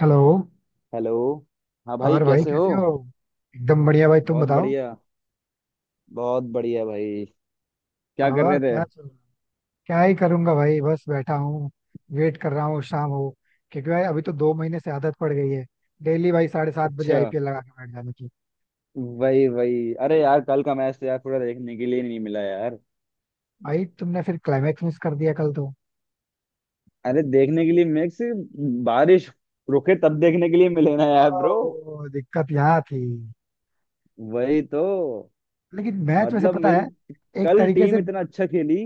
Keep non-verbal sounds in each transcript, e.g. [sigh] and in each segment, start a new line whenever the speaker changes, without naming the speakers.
Hello.
Hello. हाँ भाई,
और भाई
कैसे हो?
कैसे हो? एकदम बढ़िया भाई, तुम
बहुत
बताओ।
बढ़िया। बहुत बढ़िया भाई। क्या कर
और
रहे
क्या
थे?
चल रहा है? क्या ही करूंगा भाई, बस बैठा हूँ। वेट कर रहा हूँ शाम हो। क्योंकि भाई अभी तो 2 महीने से आदत पड़ गई है, डेली भाई 7:30 बजे
अच्छा।
आईपीएल लगा के बैठ जाने की।
वही वही। अरे यार, कल का मैच तो यार पूरा देखने के लिए नहीं मिला यार।
भाई तुमने फिर क्लाइमैक्स मिस कर दिया कल तो।
अरे देखने के लिए मैच, बारिश रुके तब देखने के लिए मिले ना यार ब्रो।
दिक्कत यहाँ थी।
वही तो।
लेकिन मैच वैसे
मतलब
पता
मेरी,
है, एक
कल
तरीके से।
टीम इतना अच्छा खेली।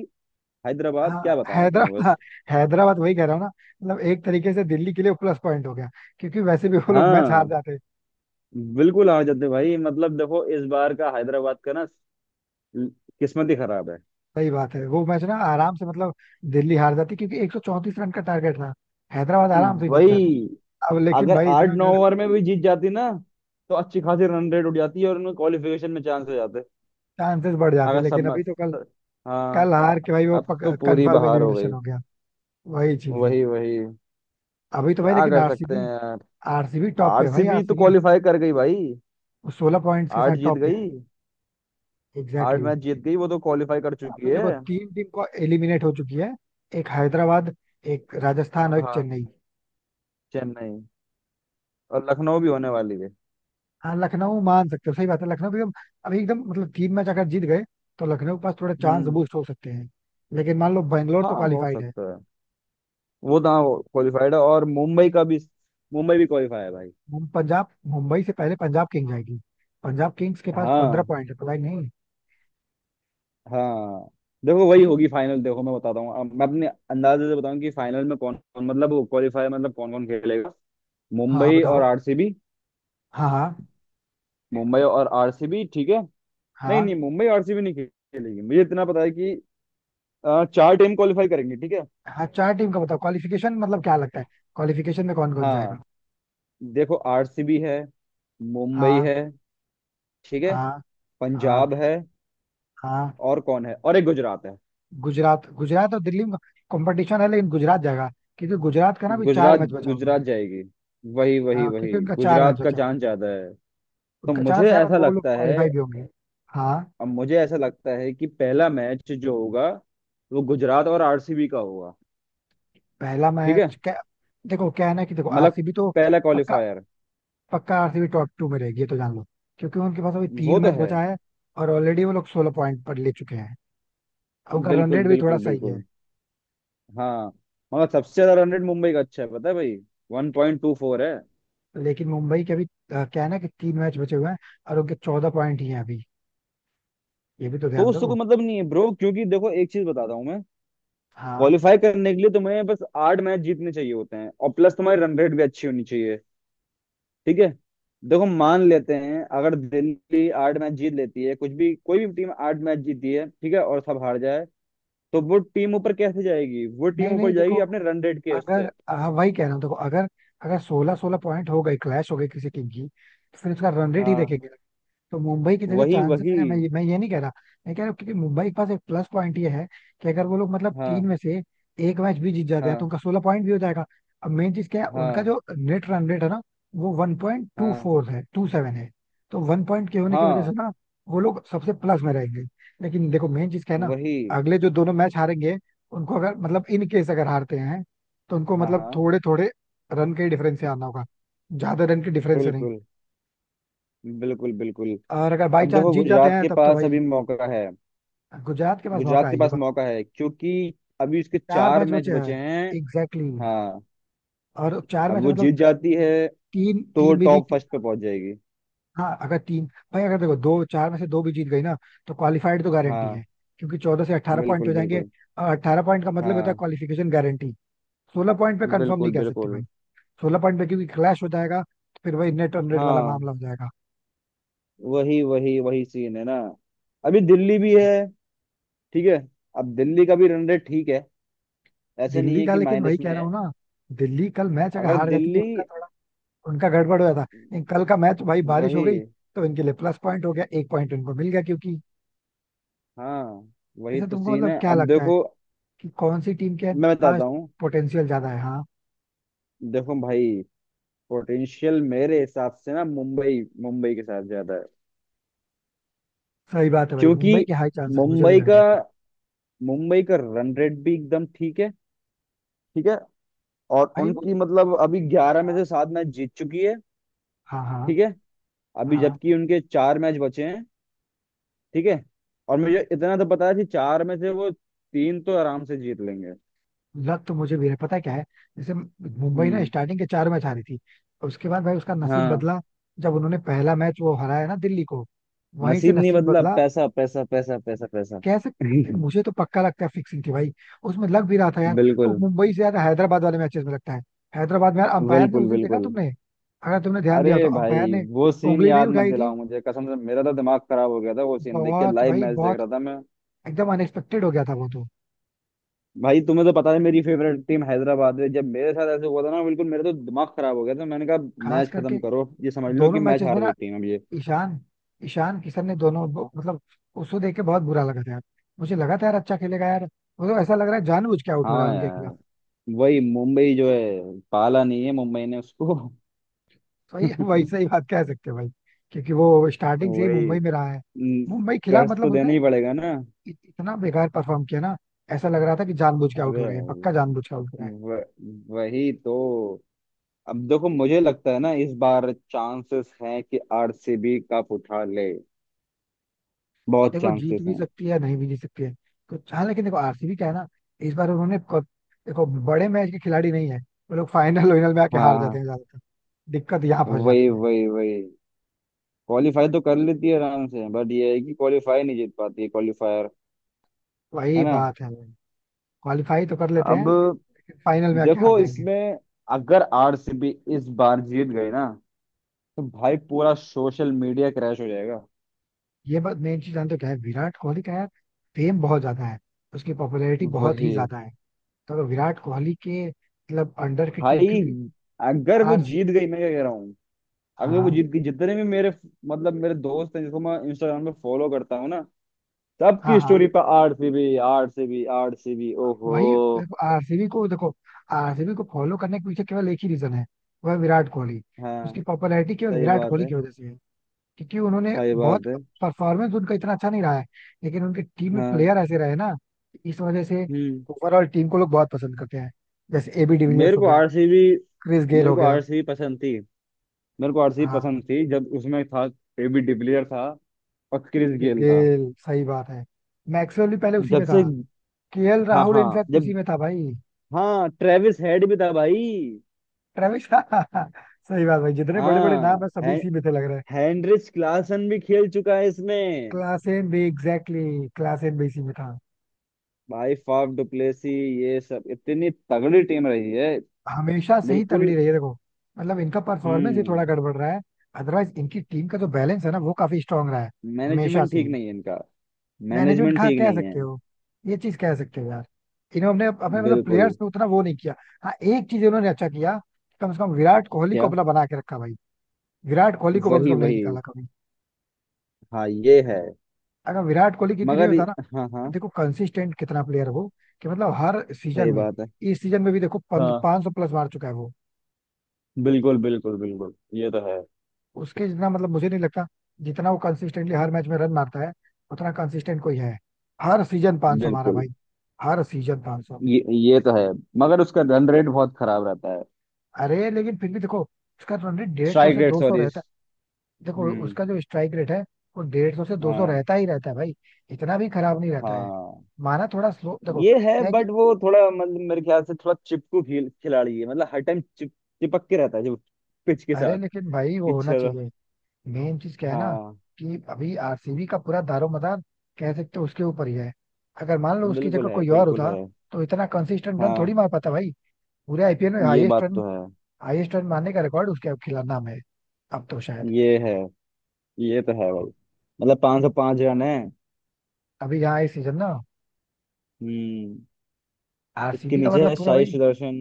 हैदराबाद,
हाँ,
क्या बताऊं मैं तुम्हें बस।
हैदराबाद वही कह रहा हूँ ना। मतलब एक तरीके से दिल्ली के लिए प्लस पॉइंट हो गया, क्योंकि वैसे भी वो लोग मैच हार
हाँ
जाते।
बिल्कुल हार जाते भाई। मतलब देखो, इस बार का हैदराबाद का ना किस्मत ही खराब है।
सही बात है, वो मैच ना आराम से मतलब दिल्ली हार जाती क्योंकि 134 रन का टारगेट था। हैदराबाद आराम से जीत
वही।
जाती। अब लेकिन
अगर
भाई
आठ
इतना
नौ
अगर,
ओवर में भी जीत जाती ना, तो अच्छी खासी रन रेट उठ जाती है और उनमें क्वालिफिकेशन में चांस हो जाते।
चांसेस बढ़ जाते,
अगर सब
लेकिन
में-
अभी तो कल,
हाँ।
कल हार के भाई वो
अब तो पूरी
कंफर्म
बहार हो गई।
एलिमिनेशन हो गया। वही चीज है।
वही वही।
अभी तो भाई
क्या
लेकिन
कर सकते हैं
आरसीबी,
यार।
आरसीबी टॉप पे है भाई।
आरसीबी तो
आरसीबी
क्वालिफाई कर गई भाई।
वो 16 पॉइंट्स के
आठ
साथ
जीत
टॉप पे है।
गई।
एग्जैक्टली
आठ मैच
exactly.
जीत गई, वो तो क्वालिफाई कर चुकी
अभी
है।
देखो तीन टीम को एलिमिनेट हो चुकी है। एक हैदराबाद, एक राजस्थान और एक
हाँ
चेन्नई।
चेन्नई और लखनऊ भी होने वाली है।
हाँ, लखनऊ मान सकते हो, सही बात है। लखनऊ भी अब अभी एकदम मतलब तीन मैच अगर जीत गए तो लखनऊ के पास थोड़ा चांस
हम्म।
बूस्ट हो सकते हैं। लेकिन मान लो बेंगलोर
हाँ
तो
हो
क्वालिफाइड है।
सकता है। वो तो हाँ क्वालिफाइड है, और मुंबई का भी। मुंबई भी क्वालिफाई है भाई।
पंजाब, मुंबई से पहले पंजाब किंग्स जाएगी। पंजाब किंग्स के पास पंद्रह
हाँ
पॉइंट है, पता ही नहीं।
हाँ। देखो, वही
ऐसे।
होगी फाइनल। देखो मैं बताता हूँ। अब मैं अपने अंदाजे से बताऊं कि फाइनल में कौन कौन, मतलब वो क्वालिफायर, मतलब कौन कौन खेलेगा।
हाँ हाँ,
मुंबई और
बताओ।
आरसीबी।
हाँ हाँ।
मुंबई और आरसीबी, ठीक है। नहीं
हाँ
नहीं, मुंबई आरसीबी नहीं खेलेगी। मुझे इतना पता है कि चार टीम क्वालिफाई करेंगी, ठीक है।
हाँ, चार टीम का बताओ, क्वालिफिकेशन मतलब क्या लगता है? क्वालिफिकेशन में कौन कौन
हाँ
जाएगा?
देखो, आरसीबी है, मुंबई
हाँ
है, ठीक है,
हाँ। हाँ
पंजाब है,
हाँ।
और कौन है, और एक गुजरात है।
गुजरात, गुजरात और दिल्ली में कंपटीशन है, लेकिन गुजरात जाएगा, क्योंकि गुजरात का ना भी चार
गुजरात
मैच बचा हुआ
गुजरात
है।
जाएगी। वही वही
हाँ
वही।
क्योंकि उनका चार मैच
गुजरात का
बचा हुआ है,
चांस ज्यादा है। तो
उनका
मुझे
चांस है और
ऐसा
वो लोग
लगता है।
क्वालिफाई भी होंगे। हाँ।
अब मुझे ऐसा लगता है कि पहला मैच जो होगा, वो गुजरात और आरसीबी का होगा,
पहला
ठीक है।
मैच क्या? देखो क्या है ना, कि देखो
मतलब
आरसीबी तो
पहला
पक्का।
क्वालिफायर।
पक्का आरसीबी टॉप टू में रहेगी, ये तो जान लो। क्योंकि उनके पास अभी तीन
वो तो
मैच
है।
बचा है, और ऑलरेडी वो लोग 16 पॉइंट पर ले चुके हैं। अब उनका रन
बिल्कुल
रेट भी थोड़ा
बिल्कुल
सही है।
बिल्कुल। हाँ मगर सबसे ज्यादा रन रेट मुंबई का अच्छा है, पता है भाई? वन पॉइंट टू फोर है।
लेकिन मुंबई के अभी क्या है ना, कि तीन मैच बचे हुए हैं, और उनके 14 पॉइंट ही हैं अभी। ये भी तो
तो
ध्यान
उससे
दो।
कोई मतलब नहीं है ब्रो, क्योंकि देखो एक चीज बताता हूँ मैं।
हाँ।
क्वालिफाई करने के लिए तुम्हें बस आठ मैच जीतने चाहिए होते हैं, और प्लस तुम्हारी रन रेट भी अच्छी होनी चाहिए, ठीक है। देखो, मान लेते हैं अगर दिल्ली आठ मैच जीत लेती है, कुछ भी कोई भी टीम आठ मैच जीती है, ठीक है, और सब हार जाए, तो वो टीम ऊपर कैसे जाएगी? वो
नहीं
टीम ऊपर
नहीं,
जाएगी
देखो,
अपने रन रेट के
अगर,
उससे।
हाँ वही कह रहा हूँ देखो, अगर अगर 16-16 पॉइंट हो गए, क्लैश हो गई किसी टीम की, तो फिर उसका रन रेट ही
हाँ
देखेंगे। तो मुंबई की जगह
वही
चांसेस
वही।
है, मैं ये नहीं कह रहा। मैं कह रहा हूँ क्योंकि मुंबई के पास एक प्लस पॉइंट ये है, कि अगर वो लोग मतलब तीन
हाँ
में से एक मैच भी जीत जाते हैं तो
हाँ
उनका 16 पॉइंट भी हो जाएगा। अब मेन चीज क्या है, उनका
हाँ
जो नेट रन रेट है ना, वो वन पॉइंट टू
हाँ
फोर है, टू सेवन है। तो वन पॉइंट के होने की वजह से
हाँ।
ना, वो लोग सबसे प्लस में रहेंगे। लेकिन देखो, मेन चीज क्या है ना,
वही।
अगले जो दोनों मैच हारेंगे उनको, अगर मतलब इन केस अगर हारते हैं, तो उनको
हाँ
मतलब
हाँ।
थोड़े थोड़े रन के डिफरेंस से आना होगा, ज्यादा रन के डिफरेंस से नहीं।
बिल्कुल बिल्कुल बिल्कुल।
और अगर बाई
अब
चांस
देखो
जीत जाते
गुजरात
हैं
के
तब तो
पास
भाई,
अभी मौका है।
गुजरात के पास
गुजरात
मौका
के
है, ये
पास
बात।
मौका है, क्योंकि अभी उसके
चार
चार
मैच
मैच
बचे हैं।
बचे हैं।
Exactly exactly.
हाँ,
और चार
अब
मैच
वो
मतलब
जीत जाती है,
तीन
तो वो
तीन भी
टॉप
जीत,
फर्स्ट पे पहुंच जाएगी।
हाँ अगर तीन, भाई अगर देखो दो चार में से दो भी जीत गई ना, तो क्वालिफाइड तो गारंटी
हाँ
है, क्योंकि 14 से 18 पॉइंट
बिल्कुल
हो जाएंगे।
बिल्कुल।
अट्ठारह पॉइंट का मतलब होता है
हाँ
क्वालिफिकेशन गारंटी। सोलह पॉइंट पे कंफर्म
बिल्कुल
नहीं कह सकते भाई।
बिल्कुल।
16 पॉइंट पे क्योंकि क्लैश हो जाएगा, तो फिर वही नेट ऑन नेट वाला
हाँ
मामला हो जाएगा।
वही वही वही सीन है ना। अभी दिल्ली भी है, ठीक है। अब दिल्ली का भी रन रेट ठीक है, ऐसे नहीं
दिल्ली
है
का
कि
लेकिन वही
माइनस
कह
में
रहा
है।
हूँ ना, दिल्ली कल मैच अगर
अगर
हार जाती तो
दिल्ली,
उनका थोड़ा, उनका गड़बड़ हो गया था। नहीं, कल का मैच भाई बारिश हो
वही।
गई, तो इनके लिए प्लस पॉइंट हो गया, एक पॉइंट उनको मिल गया क्योंकि,
हाँ वही
ऐसे
तो
तुमको
सीन
मतलब
है।
क्या
अब
लगता है,
देखो,
कि कौन सी टीम के
मैं
पास
बताता हूँ।
पोटेंशियल ज्यादा है? हाँ।
देखो भाई, पोटेंशियल मेरे हिसाब से ना मुंबई, मुंबई के साथ ज्यादा है।
सही बात है भाई,
क्योंकि
मुंबई के हाई चांसेस मुझे भी
मुंबई
लग रहा है
का,
इस बार।
मुंबई का रन रेट भी एकदम ठीक है, ठीक है। और
भाई वो,
उनकी मतलब अभी ग्यारह में
हाँ
से सात मैच जीत चुकी है,
हाँ। हाँ
ठीक है। अभी
हाँ।
जबकि उनके चार मैच बचे हैं, ठीक है। और मुझे इतना तो पता है कि चार में से वो तीन तो आराम से जीत लेंगे।
लग तो मुझे भी है, पता है क्या है, जैसे मुंबई ना
हम्म।
स्टार्टिंग के चार मैच हारी थी, उसके बाद भाई उसका नसीब
हाँ,
बदला। जब उन्होंने पहला मैच वो हराया ना दिल्ली को, वहीं से
नसीब नहीं
नसीब
बदला,
बदला।
पैसा पैसा पैसा पैसा पैसा [laughs]
कैसे? मुझे तो पक्का लगता है फिक्सिंग थी भाई, उसमें लग भी रहा था यार। तो
बिल्कुल
मुंबई से ज्यादा हैदराबाद वाले मैचेस में लगता है। हैदराबाद में यार अंपायर ने उस
बिल्कुल
दिन देखा
बिल्कुल।
तुमने? अगर तुमने ध्यान दिया हो तो
अरे
अंपायर
भाई,
ने
वो सीन
उंगली नहीं
याद मत
उठाई थी।
दिलाओ मुझे, कसम से मेरा तो दिमाग खराब हो गया था वो सीन देख के।
बहुत
लाइव
भाई
मैच देख
बहुत।
रहा था मैं।
एकदम अनएक्सपेक्टेड हो गया था वो तो।
भाई तुम्हें तो पता है मेरी फेवरेट टीम हैदराबाद है। जब मेरे साथ ऐसे हुआ था ना, बिल्कुल मेरा तो दिमाग खराब हो गया था। मैंने कहा
खास
मैच
करके
खत्म करो, ये समझ लो कि
दोनों
मैच
मैचेस में
हार
ना,
गई टीम अब ये।
ईशान ईशान किशन ने दोनों मतलब, उसको देख के बहुत बुरा लगा था यार। मुझे लगा था यार अच्छा खेलेगा यार। मतलब ऐसा लग रहा है जानबूझ के आउट हो रहा है
हाँ
उनके खिलाफ।
यार। वही, मुंबई जो है पाला नहीं है, मुंबई ने उसको
सही है भाई,
[laughs]
सही बात कह सकते हैं भाई। क्योंकि वो स्टार्टिंग से ही
वही।
मुंबई में रहा है।
हम्म।
मुंबई खिला
कर्ज तो
मतलब
देना
उसने
ही पड़ेगा ना।
इतना बेकार परफॉर्म किया ना, ऐसा लग रहा था कि जानबूझ के आउट हो
अरे
रहा है,
भाई,
पक्का जानबूझ के आउट हो रहा है।
व, वही तो। अब देखो, मुझे लगता है ना इस बार चांसेस हैं कि आरसीबी कप उठा ले। बहुत
देखो जीत
चांसेस
भी
हैं।
सकती है, नहीं भी जीत सकती है कुछ। हाँ लेकिन देखो आरसीबी क्या है ना, इस बार उन्होंने देखो बड़े मैच के खिलाड़ी नहीं है। वो लोग फाइनल वाइनल में आके हार जाते
हाँ
हैं ज्यादातर। दिक्कत यहाँ फंस
वही
जाती है।
वही वही। क्वालिफाई तो कर लेती है आराम से, बट ये है कि क्वालिफाई नहीं जीत पाती है क्वालिफायर, है
वही
ना।
बात है भाई। क्वालिफाई तो कर लेते हैं,
अब
फाइनल में आके हार
देखो
जाएंगे।
इसमें, अगर आरसीबी इस बार जीत गई ना, तो भाई पूरा सोशल मीडिया क्रैश हो जाएगा।
ये बात मेन चीज जानते हो क्या है, विराट कोहली का यार फेम बहुत ज्यादा है। उसकी पॉपुलैरिटी बहुत ही
वही।
ज्यादा है। तो अगर विराट कोहली के मतलब अंडर की टीम
भाई,
क्योंकि,
अगर वो
आर
जीत गई, मैं क्या कह रहा हूँ, अगर वो
हाँ,
जीत गई, जितने भी मेरे मतलब मेरे दोस्त हैं जिसको मैं इंस्टाग्राम पे फॉलो करता हूँ ना,
हाँ
सबकी
हाँ,
स्टोरी पर आरसीबी आरसीबी आरसीबी,
वही।
ओहो।
आरसीबी को देखो, आरसीबी को फॉलो करने के पीछे केवल एक ही रीजन है, वह है विराट कोहली।
हाँ।
उसकी पॉपुलैरिटी केवल
सही
विराट
बात
कोहली
है।
की वजह से है। क्योंकि उन्होंने
सही
बहुत,
बात है।
परफॉर्मेंस उनका इतना अच्छा नहीं रहा है, लेकिन उनकी टीम में
हाँ।
प्लेयर ऐसे रहे ना, इस वजह से
हम्म।
ओवरऑल टीम को लोग बहुत पसंद करते हैं। जैसे एबी डिविलियर्स
मेरे
हो
को
गया,
आरसीबी,
क्रिस गेल
मेरे
हो
को
गया।
आरसीबी पसंद थी। मेरे को आरसीबी
हाँ,
पसंद थी जब उसमें था एबी डिविलियर, था और क्रिस
क्रिस
गेल था।
गेल, सही बात है। मैक्सवेल भी पहले उसी
जब
में था।
से।
केएल
हाँ
राहुल
हाँ
इनफैक्ट
जब।
उसी में था भाई।
हाँ ट्रेविस हेड भी था भाई।
ट्रेविस [laughs] सही बात भाई, जितने बड़े बड़े नाम
हाँ
है सभी
है।
इसी में थे लग रहा है।
हेनरिच क्लासन भी खेल चुका है इसमें।
क्लासेन भी एग्जैक्टली, क्लासेन भी इसी में था।
भाई फाफ डुप्लेसी, ये सब इतनी तगड़ी टीम रही है।
हमेशा से ही तगड़ी
बिल्कुल।
रही है देखो। मतलब इनका परफॉर्मेंस ही थोड़ा
हम्म।
गड़बड़ रहा है। अदरवाइज इनकी टीम का जो बैलेंस है ना, वो काफी स्ट्रांग रहा है, हमेशा
मैनेजमेंट
से
ठीक
ही।
नहीं है इनका।
मैनेजमेंट
मैनेजमेंट
कहाँ
ठीक
कह
नहीं है।
सकते हो? ये चीज कह सकते हो यार, इन्होंने अपने अपने मतलब
बिल्कुल।
प्लेयर्स पे उतना वो नहीं किया। हाँ एक चीज इन्होंने अच्छा किया, कम से कम विराट कोहली को
क्या।
अपना बना के रखा भाई। विराट कोहली को कम से
वही
कम नहीं
वही।
निकाला कभी।
हाँ ये है।
अगर विराट कोहली क्योंकि नहीं
मगर
होता ना,
हाँ हाँ।
देखो कंसिस्टेंट कितना प्लेयर है वो, कि मतलब हर सीजन
सही
में,
बात है।
इस सीजन में भी देखो
हाँ
500 प्लस मार चुका है वो।
बिल्कुल बिल्कुल बिल्कुल, ये तो है।
उसके जितना मतलब मुझे नहीं लगता, जितना वो कंसिस्टेंटली हर मैच में रन मारता है उतना कंसिस्टेंट कोई है। हर सीजन 500 मारा
बिल्कुल।
भाई, हर सीजन 500।
ये तो है। मगर उसका रन रेट बहुत खराब रहता है।
अरे लेकिन फिर भी देखो, उसका रन रेट डेढ़ सौ
स्ट्राइक
से
रेट
दो सौ
सॉरी।
रहता है। देखो
हम्म।
उसका जो स्ट्राइक रेट है, वो 150 से 200
हाँ
रहता ही रहता है भाई। इतना भी खराब नहीं रहता है।
हाँ।
माना थोड़ा स्लो देखो,
ये है,
क्या है कि,
बट वो थोड़ा मतलब मेरे ख्याल से थोड़ा चिपकू खेल खिलाड़ी है, मतलब हर टाइम चिप, चिपक के रहता है जो पिच के
अरे
साथ।
लेकिन भाई वो
कि
होना
चलो।
चाहिए। मेन चीज क्या है ना,
हाँ
कि अभी आरसीबी का पूरा दारोमदार कह सकते हो उसके ऊपर ही है। अगर मान लो उसकी
बिल्कुल
जगह
है
कोई और
बिल्कुल
होता,
है।
तो इतना कंसिस्टेंट रन
हाँ
थोड़ी मार पाता भाई। पूरे आईपीएल में
ये
हाईएस्ट
बात तो
रन,
है।
हाईएस्ट रन मारने का रिकॉर्ड उसके खिलाफ नाम है अब तो शायद।
ये है, ये तो है भाई। मतलब पाँच सौ पाँच रन है।
अभी यहाँ इस सीजन ना
हम्म। इसके
आरसीबी का
नीचे
मतलब
है
पूरा
साई
भाई,
सुदर्शन।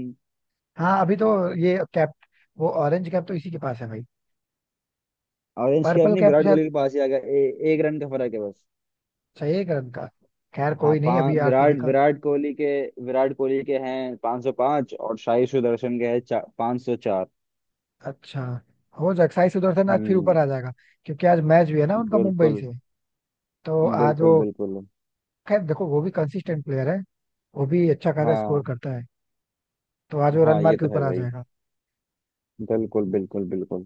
हाँ अभी तो ये कैप, वो ऑरेंज कैप तो इसी के पास है भाई।
ऑरेंज कैप
पर्पल
नहीं,
कैप
विराट
शायद
कोहली के पास ही आ गया। एक रन का फर्क है बस।
चाहिए करण का। खैर
हाँ
कोई नहीं,
पाँच,
अभी आरसीबी
विराट,
का,
विराट कोहली के, विराट कोहली के हैं 505, और साई सुदर्शन के हैं 504।
अच्छा, हो जाएगा साई सुदर्शन आज फिर
हम्म।
ऊपर आ जाएगा, क्योंकि आज मैच भी है ना उनका मुंबई
बिल्कुल
से। तो आज
बिल्कुल
वो,
बिल्कुल।
खैर देखो वो भी कंसिस्टेंट प्लेयर है, वो भी अच्छा खासा स्कोर
हाँ
करता है। तो आज वो रन
हाँ
मार
ये
के
तो है
ऊपर आ
भाई।
जाएगा।
बिल्कुल बिल्कुल बिल्कुल।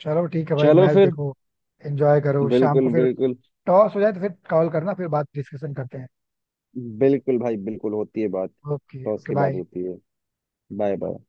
चलो ठीक है भाई,
चलो
मैच
फिर।
देखो। एंजॉय करो शाम
बिल्कुल
को फिर।
बिल्कुल
टॉस हो जाए तो फिर कॉल करना, फिर बात, डिस्कशन करते हैं।
बिल्कुल भाई, बिल्कुल होती है बात,
ओके,
तो
ओके
उसके बाद
बाय।
होती है। Bye bye.